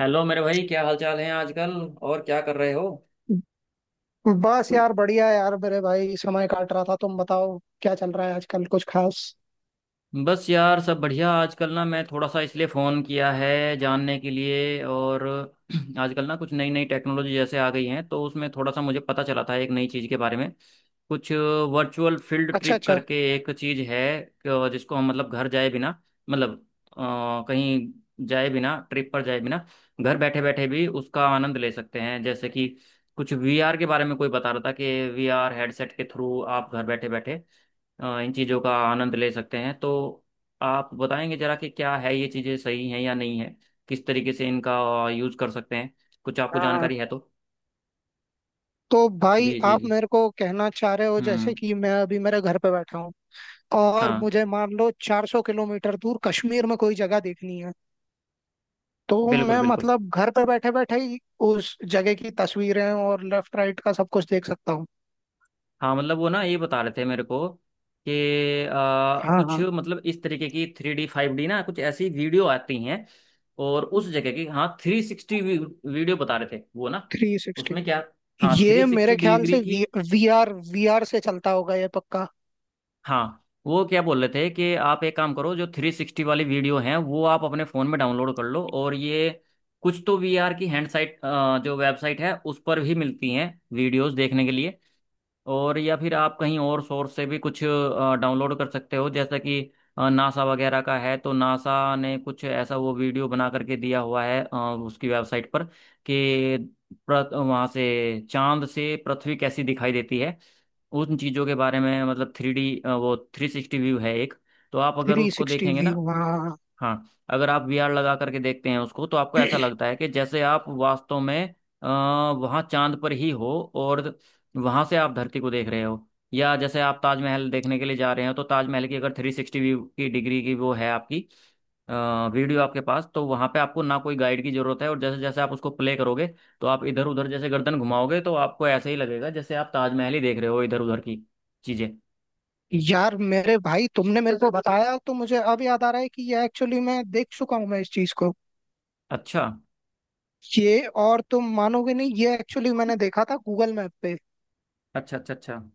Hello मेरे भाई, क्या हाल चाल है आजकल? और क्या कर रहे हो? बस यार बढ़िया है यार मेरे भाई समय काट रहा था। तुम बताओ क्या चल रहा है आजकल कुछ खास। बस यार, सब बढ़िया आजकल। ना मैं थोड़ा सा इसलिए फ़ोन किया है जानने के लिए, और आजकल ना कुछ नई नई टेक्नोलॉजी जैसे आ गई हैं, तो उसमें थोड़ा सा मुझे पता चला था एक नई चीज़ के बारे में कुछ। वर्चुअल फील्ड अच्छा ट्रिप अच्छा। करके एक चीज़ है जिसको हम मतलब घर जाए बिना, मतलब कहीं जाए बिना, ट्रिप पर जाए बिना घर बैठे बैठे भी उसका आनंद ले सकते हैं। जैसे कि कुछ वीआर के बारे में कोई बता रहा था कि वीआर हेडसेट के थ्रू आप घर बैठे बैठे इन चीज़ों का आनंद ले सकते हैं। तो आप बताएंगे जरा कि क्या है ये चीज़ें, सही हैं या नहीं है, किस तरीके से इनका यूज़ कर सकते हैं, कुछ आपको हाँ। जानकारी है तो। तो भाई जी जी आप जी। मेरे को कहना चाह रहे हो जैसे हम्म। कि मैं अभी मेरे घर पे बैठा हूँ और हाँ, मुझे मान लो 400 किलोमीटर दूर कश्मीर में कोई जगह देखनी है। तो बिल्कुल मैं बिल्कुल। मतलब घर पे बैठे बैठे ही उस जगह की तस्वीरें और लेफ्ट राइट का सब कुछ देख सकता हूँ। हाँ, मतलब वो ना ये बता रहे थे मेरे को कि हाँ कुछ हाँ। मतलब इस तरीके की थ्री डी फाइव डी ना कुछ ऐसी वीडियो आती हैं, और उस जगह की, हाँ, थ्री सिक्सटी वीडियो बता रहे थे वो ना। Three sixty. उसमें क्या, हाँ, थ्री ये मेरे सिक्सटी ख्याल डिग्री से की। वी आर से चलता होगा ये पक्का। हाँ, वो क्या बोल रहे थे कि आप एक काम करो, जो थ्री सिक्सटी वाली वीडियो हैं वो आप अपने फ़ोन में डाउनलोड कर लो, और ये कुछ तो वीआर की हैंड साइट, जो वेबसाइट है उस पर भी मिलती हैं वीडियोस देखने के लिए। और या फिर आप कहीं और सोर्स से भी कुछ डाउनलोड कर सकते हो, जैसा कि नासा वगैरह का है, तो नासा ने कुछ ऐसा वो वीडियो बना करके दिया हुआ है उसकी वेबसाइट पर कि वहाँ से चांद से पृथ्वी कैसी दिखाई देती है। उन चीज़ों के बारे में, मतलब थ्री डी वो थ्री सिक्सटी व्यू है एक। तो आप अगर थ्री उसको सिक्सटी देखेंगे ना, व्यू हाँ। हाँ, अगर आप वीआर लगा करके देखते हैं उसको, तो आपको ऐसा लगता है कि जैसे आप वास्तव में वहाँ चांद पर ही हो, और वहाँ से आप धरती को देख रहे हो। या जैसे आप ताजमहल देखने के लिए जा रहे हो, तो ताजमहल की अगर थ्री सिक्सटी व्यू की डिग्री की वो है आपकी अ, वीडियो आपके पास, तो वहाँ पे आपको ना कोई गाइड की जरूरत है। और जैसे जैसे आप उसको प्ले करोगे, तो आप इधर उधर जैसे गर्दन घुमाओगे, तो आपको ऐसे ही लगेगा जैसे आप ताजमहल ही देख रहे हो, इधर उधर की चीज़ें। यार मेरे भाई तुमने मेरे को बताया तो मुझे अब याद आ रहा है कि ये एक्चुअली मैं देख चुका हूँ मैं इस चीज को। अच्छा ये और तुम मानोगे नहीं ये एक्चुअली मैंने देखा था गूगल मैप पे। अच्छा अच्छा। अच्छा, हम्म।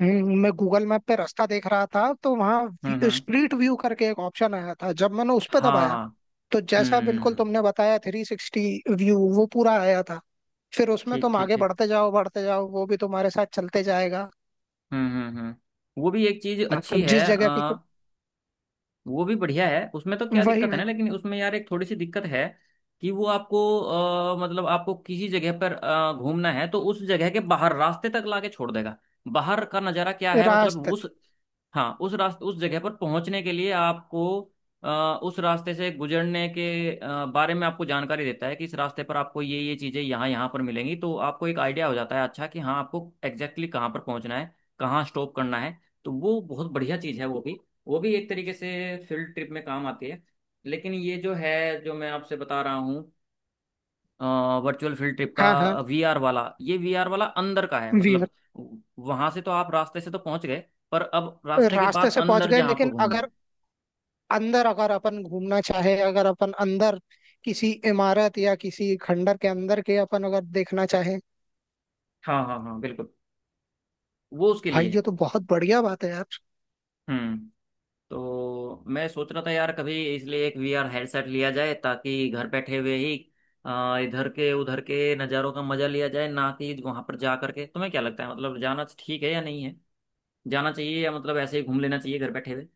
मैं गूगल मैप पे रास्ता देख रहा था तो वहाँ हम्म। स्ट्रीट व्यू करके एक ऑप्शन आया था जब मैंने उस पे दबाया। हाँ, तो जैसा बिल्कुल हम्म। तुमने बताया थ्री सिक्सटी व्यू वो पूरा आया था। फिर उसमें ठीक तुम ठीक आगे ठीक। बढ़ते जाओ वो भी तुम्हारे साथ चलते जाएगा। हम्म। वो भी एक चीज अच्छी मतलब है। जिस जगह की तुम वो भी बढ़िया है, उसमें तो क्या वही दिक्कत है ना, वही लेकिन उसमें यार एक थोड़ी सी दिक्कत है कि वो आपको मतलब आपको किसी जगह पर घूमना है तो उस जगह के बाहर रास्ते तक लाके छोड़ देगा। बाहर का नज़ारा क्या है, मतलब रास्ते। उस, हाँ, उस रास्ते, उस जगह पर पहुंचने के लिए आपको अ, उस रास्ते से गुजरने के बारे में आपको जानकारी देता है, कि इस रास्ते पर आपको ये चीज़ें यहाँ यहाँ पर मिलेंगी, तो आपको एक आइडिया हो जाता है, अच्छा कि हाँ आपको एग्जैक्टली exactly कहाँ पर पहुंचना है, कहाँ स्टॉप करना है। तो वो बहुत बढ़िया चीज़ है वो भी, वो भी एक तरीके से फील्ड ट्रिप में काम आती है। लेकिन ये जो है, जो मैं आपसे बता रहा हूँ वर्चुअल फील्ड ट्रिप का हाँ हाँ। वीआर वाला, ये वीआर वाला अंदर का है, मतलब वहां से तो आप रास्ते से तो पहुंच गए, पर अब रास्ते के रास्ते बाद से पहुंच अंदर गए जहाँ आपको लेकिन घूमना है। अगर अंदर अगर अपन घूमना चाहे अगर अपन अंदर किसी इमारत या किसी खंडर के अंदर के अपन अगर देखना चाहे। हाँ हाँ हाँ, बिल्कुल, वो उसके लिए भाई ये है। तो बहुत बढ़िया बात है यार। हम्म। तो मैं सोच रहा था यार, कभी इसलिए एक वीआर हेडसेट लिया जाए, ताकि घर बैठे हुए ही इधर के उधर के नज़ारों का मजा लिया जाए, ना कि वहां पर जा करके। तुम्हें क्या लगता है, मतलब जाना तो ठीक है या नहीं है, जाना चाहिए, या मतलब ऐसे ही घूम लेना चाहिए घर बैठे हुए?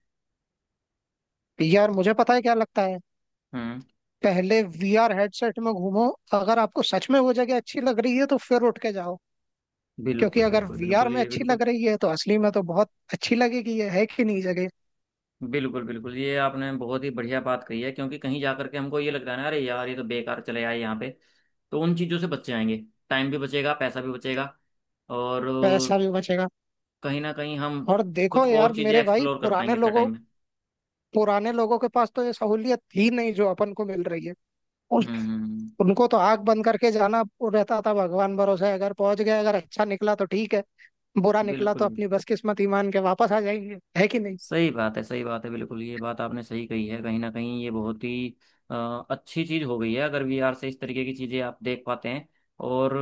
यार मुझे पता है क्या लगता है। हम्म। पहले वीआर हेडसेट में घूमो। अगर आपको सच में वो जगह अच्छी लग रही है तो फिर उठ के जाओ। क्योंकि बिल्कुल अगर बिल्कुल वीआर बिल्कुल, में ये अच्छी लग बिल्कुल, रही है तो असली में तो बहुत अच्छी लगेगी ये है कि नहीं जगह। बिल्कुल बिल्कुल ये आपने बहुत ही बढ़िया बात कही है, क्योंकि कहीं जा करके हमको ये लगता है ना, अरे यार ये तो बेकार चले आए यहाँ पे। तो उन चीज़ों से बच जाएंगे, टाइम भी बचेगा, पैसा भी बचेगा, और पैसा भी बचेगा। कहीं ना कहीं हम और देखो कुछ यार और चीज़ें मेरे भाई एक्सप्लोर कर पाएंगे पुराने इतना लोगों टाइम में। पुराने लोगों के पास तो ये सहूलियत थी नहीं जो अपन को मिल रही है। उन, हम्म हम्म। उनको तो आंख बंद करके जाना रहता था भगवान भरोसे अगर पहुंच गए अगर अच्छा निकला तो ठीक है। बुरा निकला तो बिल्कुल अपनी बदकिस्मत ईमान के वापस आ जाएंगे है कि नहीं। सही बात है, सही बात है, बिल्कुल ये बात आपने सही कही है। कहीं ना कहीं ये बहुत ही अ, अच्छी चीज़ हो गई है, अगर वीआर से इस तरीके की चीज़ें आप देख पाते हैं। और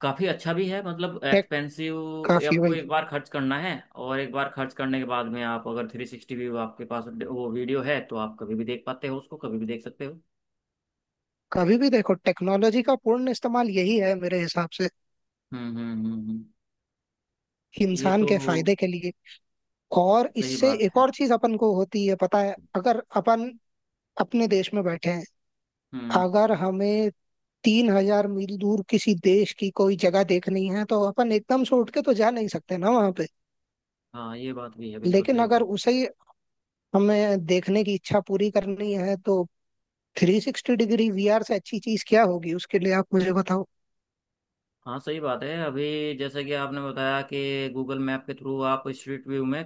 काफी अच्छा भी है, मतलब है एक्सपेंसिव, काफी आपको भाई। एक बार खर्च करना है, और एक बार खर्च करने के बाद में आप अगर थ्री सिक्सटी व्यू आपके पास वो वीडियो है, तो आप कभी भी देख पाते हो उसको, कभी भी देख सकते हो। कभी भी देखो टेक्नोलॉजी का पूर्ण इस्तेमाल यही है मेरे हिसाब से हम्म हम्म हम्म हम्म। ये इंसान तो के फायदे के लिए। और सही इससे बात एक है। और चीज अपन को होती है पता है अगर अपन अपने देश में बैठे हैं। हम्म। अगर हमें 3,000 मील दूर किसी देश की कोई जगह देखनी है तो अपन एकदम से उठ के तो जा नहीं सकते ना वहां पे। हाँ ये बात भी है, बिल्कुल लेकिन सही अगर बात है। उसे हमें देखने की इच्छा पूरी करनी है तो थ्री सिक्सटी डिग्री वीआर से अच्छी चीज क्या होगी उसके लिए आप मुझे बताओ। हाँ सही बात है। अभी जैसे कि आपने बताया कि गूगल मैप के थ्रू आप स्ट्रीट व्यू में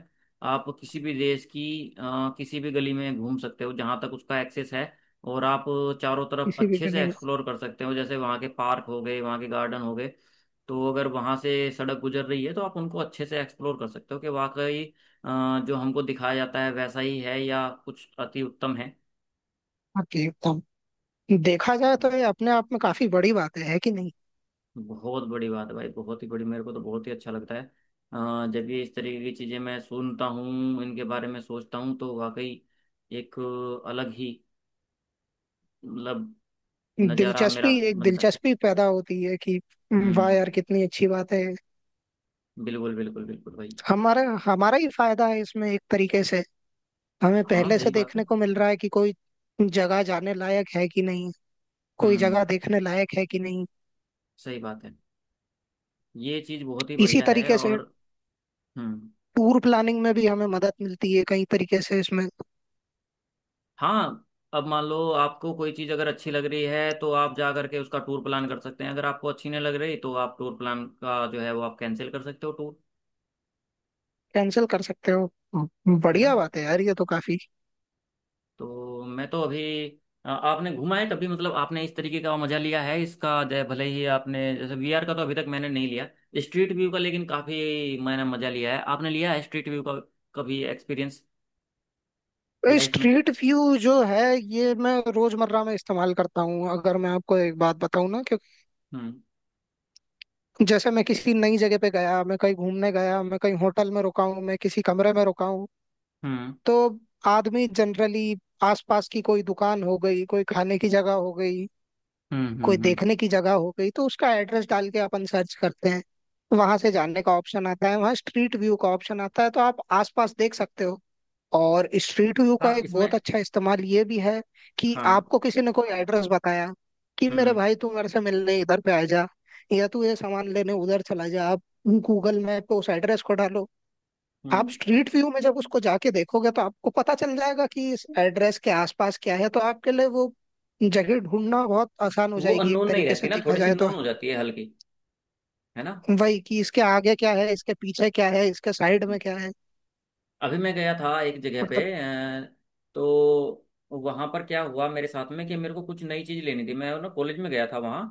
आप किसी भी देश की किसी भी गली में घूम सकते हो, जहाँ तक उसका एक्सेस है, और आप चारों तरफ किसी भी अच्छे के से लिए मैं एक्सप्लोर कर सकते हो, जैसे वहाँ के पार्क हो गए, वहाँ के गार्डन हो गए। तो अगर वहाँ से सड़क गुजर रही है, तो आप उनको अच्छे से एक्सप्लोर कर सकते हो कि वाकई जो हमको दिखाया जाता है वैसा ही है, या कुछ अति उत्तम है। आपके लिए बताऊं। देखा जाए तो ये अपने आप में काफी बड़ी बात है कि नहीं। बहुत बड़ी बात है भाई, बहुत ही बड़ी। मेरे को तो बहुत ही अच्छा लगता है जब ये इस तरीके की चीज़ें मैं सुनता हूँ, इनके बारे में सोचता हूँ, तो वाकई एक अलग ही मतलब नज़ारा मेरा दिलचस्पी एक बनता है। दिलचस्पी पैदा होती है कि वाह हम्म। यार कितनी अच्छी बात है। बिल्कुल बिल्कुल बिल्कुल भाई। हमारा हमारा ही फायदा है इसमें एक तरीके से। हमें हाँ, पहले से सही बात है। देखने को मिल रहा है कि कोई जगह जाने लायक है कि नहीं। कोई हम्म। जगह देखने लायक है कि नहीं। सही बात है, ये चीज़ बहुत ही इसी बढ़िया है। तरीके से और हम्म। टूर प्लानिंग में भी हमें मदद मिलती है कई तरीके से इसमें। हाँ, अब मान लो आपको कोई चीज़ अगर अच्छी लग रही है, तो आप जा करके उसका टूर प्लान कर सकते हैं। अगर आपको अच्छी नहीं लग रही, तो आप टूर प्लान का जो है वो आप कैंसिल कर सकते हो, टूर। कैंसिल कर सकते हो। है ना? बढ़िया बात है यार ये तो काफी। तो मैं तो अभी आपने घूमा है कभी, मतलब आपने इस तरीके का मजा लिया है इसका, जय भले ही आपने, जैसे वीआर का तो अभी तक मैंने नहीं लिया, स्ट्रीट व्यू का लेकिन काफी मैंने मजा लिया है। आपने लिया है स्ट्रीट व्यू का कभी एक्सपीरियंस लाइफ में? स्ट्रीट व्यू जो है ये मैं रोजमर्रा में इस्तेमाल करता हूँ अगर मैं आपको एक बात बताऊँ ना क्योंकि हम्म जैसे मैं किसी नई जगह पे गया मैं कहीं घूमने गया मैं कहीं होटल में रुका हूँ मैं किसी कमरे में रुका हूँ। हम्म तो आदमी जनरली आसपास की कोई दुकान हो गई कोई खाने की जगह हो गई हम्म कोई हम्म हम्म। देखने की जगह हो गई तो उसका एड्रेस डाल के अपन सर्च करते हैं। वहां से जानने का ऑप्शन आता है वहां स्ट्रीट व्यू का ऑप्शन आता है तो आप आसपास देख सकते हो। और स्ट्रीट व्यू का हाँ एक इसमें। बहुत अच्छा इस्तेमाल ये भी है कि हाँ। आपको किसी ने कोई एड्रेस बताया कि मेरे हम्म। भाई तू मेरे से मिलने इधर पे आ जा या तू ये सामान लेने उधर चला जा। आप गूगल मैप पे उस एड्रेस को डालो। आप हम्म। स्ट्रीट व्यू में जब उसको जाके देखोगे तो आपको पता चल जाएगा कि इस एड्रेस के आसपास क्या है तो आपके लिए वो जगह ढूंढना बहुत आसान हो वो जाएगी एक अननोन नहीं तरीके रहती से ना, देखा थोड़ी सी जाए तो। नोन हो जाती है हल्की। है ना? वही कि इसके आगे क्या है इसके पीछे क्या है इसके साइड में क्या है अभी मैं गया था एक जगह पे मतलब। तो वहां पर क्या हुआ मेरे साथ में कि मेरे को कुछ नई चीज लेनी थी, मैं ना कॉलेज में गया था वहां,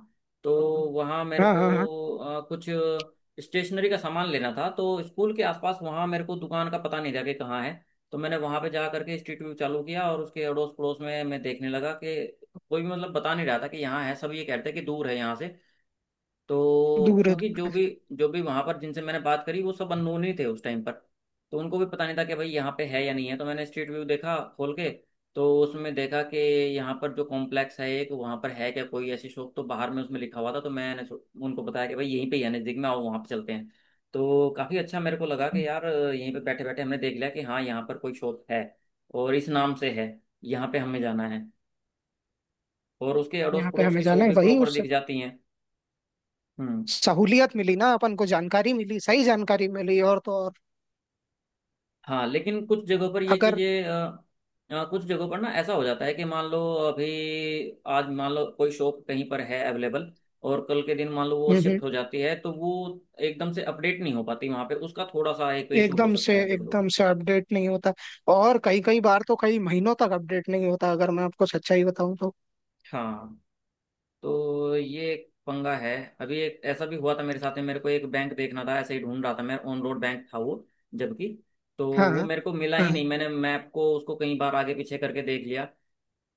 तो वहां मेरे हाँ को हाँ हाँ। कुछ स्टेशनरी का सामान लेना था। तो स्कूल के आसपास वहां मेरे को दुकान का पता नहीं था कि कहाँ है, तो मैंने वहां पे जा करके स्ट्रीट व्यू चालू किया, और उसके अड़ोस पड़ोस में मैं देखने लगा कि कोई भी मतलब बता नहीं रहा था कि यहाँ है, सब ये कहते हैं कि दूर है यहाँ से। तो क्योंकि दूर जो भी वहां पर जिनसे मैंने बात करी वो सब अननोन ही थे उस टाइम पर, तो उनको भी पता नहीं था कि भाई यहाँ पे है या नहीं है। तो मैंने स्ट्रीट व्यू देखा खोल के, तो उसमें देखा कि यहाँ पर जो कॉम्प्लेक्स है एक वहाँ पर, है क्या कोई ऐसी शॉप? तो बाहर में उसमें लिखा हुआ था, तो मैंने उनको बताया कि भाई यहीं पे ही है, नजदीक में, आओ वहाँ पे चलते हैं। तो काफी अच्छा मेरे को लगा है, कि यार यहीं पे बैठे बैठे हमने देख लिया कि हाँ यहाँ पर कोई शॉप है, और इस नाम से है, यहाँ पे हमें जाना है। और उसके अड़ोस यहाँ पे पड़ोस हमें की जाना शॉप है भी वही प्रॉपर उससे दिख जाती हैं। हम्म। सहूलियत मिली ना अपन को जानकारी मिली सही जानकारी मिली और तो और हाँ लेकिन कुछ जगहों पर ये अगर। चीज़ें कुछ जगहों पर ना ऐसा हो जाता है कि मान लो अभी आज मान लो कोई शॉप कहीं पर है अवेलेबल, और कल के दिन मान लो वो हम्म शिफ्ट हो जाती है, तो वो एकदम से अपडेट नहीं हो पाती वहाँ पे, उसका थोड़ा सा एक इशू हो एकदम से सकता है कुछ लोग। एकदम से अपडेट नहीं होता और कई कई बार तो कई महीनों तक अपडेट नहीं होता अगर मैं आपको सच्चाई बताऊं तो। हाँ, तो ये एक पंगा है। अभी एक ऐसा भी हुआ था मेरे साथ में, मेरे को एक बैंक देखना था, ऐसे ही ढूंढ रहा था मैं, ऑन रोड बैंक था वो, जबकि तो हाँ वो हाँ मेरे को मिला ही हाँ। नहीं। मैंने मैप को उसको कई बार आगे पीछे करके देख लिया,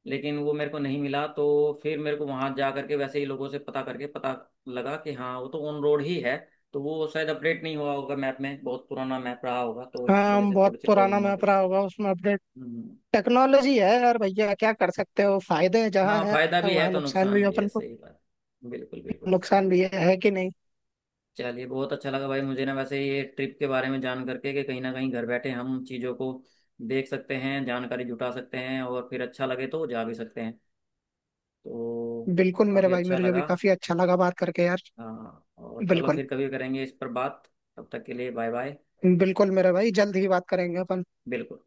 लेकिन वो मेरे को नहीं मिला, तो फिर मेरे को वहां जा करके वैसे ही लोगों से पता करके पता लगा कि हाँ वो तो ऑन रोड ही है। तो वो शायद अपडेट नहीं हुआ होगा मैप में, बहुत पुराना मैप रहा होगा, तो इस वजह हाँ, से बहुत थोड़ी सी पुराना प्रॉब्लम आ मैप गई रहा है। होगा उसमें अपडेट हम्म। टेक्नोलॉजी है यार भैया क्या कर सकते हो फायदे हैं जहाँ हाँ, है फायदा भी है वहाँ तो नुकसान भी नुकसान है भी है, अपन को। सही बात। बिल्कुल बिल्कुल। नुकसान भी है कि नहीं। चलिए, बहुत अच्छा लगा भाई मुझे ना, वैसे ये ट्रिप के बारे में जान करके, कि कहीं ना कहीं घर बैठे हम चीज़ों को देख सकते हैं, जानकारी जुटा सकते हैं, और फिर अच्छा लगे तो जा भी सकते हैं तो। बिल्कुल मेरे काफ़ी भाई अच्छा मेरे जो भी लगा। काफी अच्छा लगा बात करके यार। हाँ और चलो बिल्कुल फिर कभी करेंगे इस पर बात। तब तक के लिए बाय बाय। बिल्कुल मेरे भाई जल्द ही बात करेंगे अपन। बिल्कुल।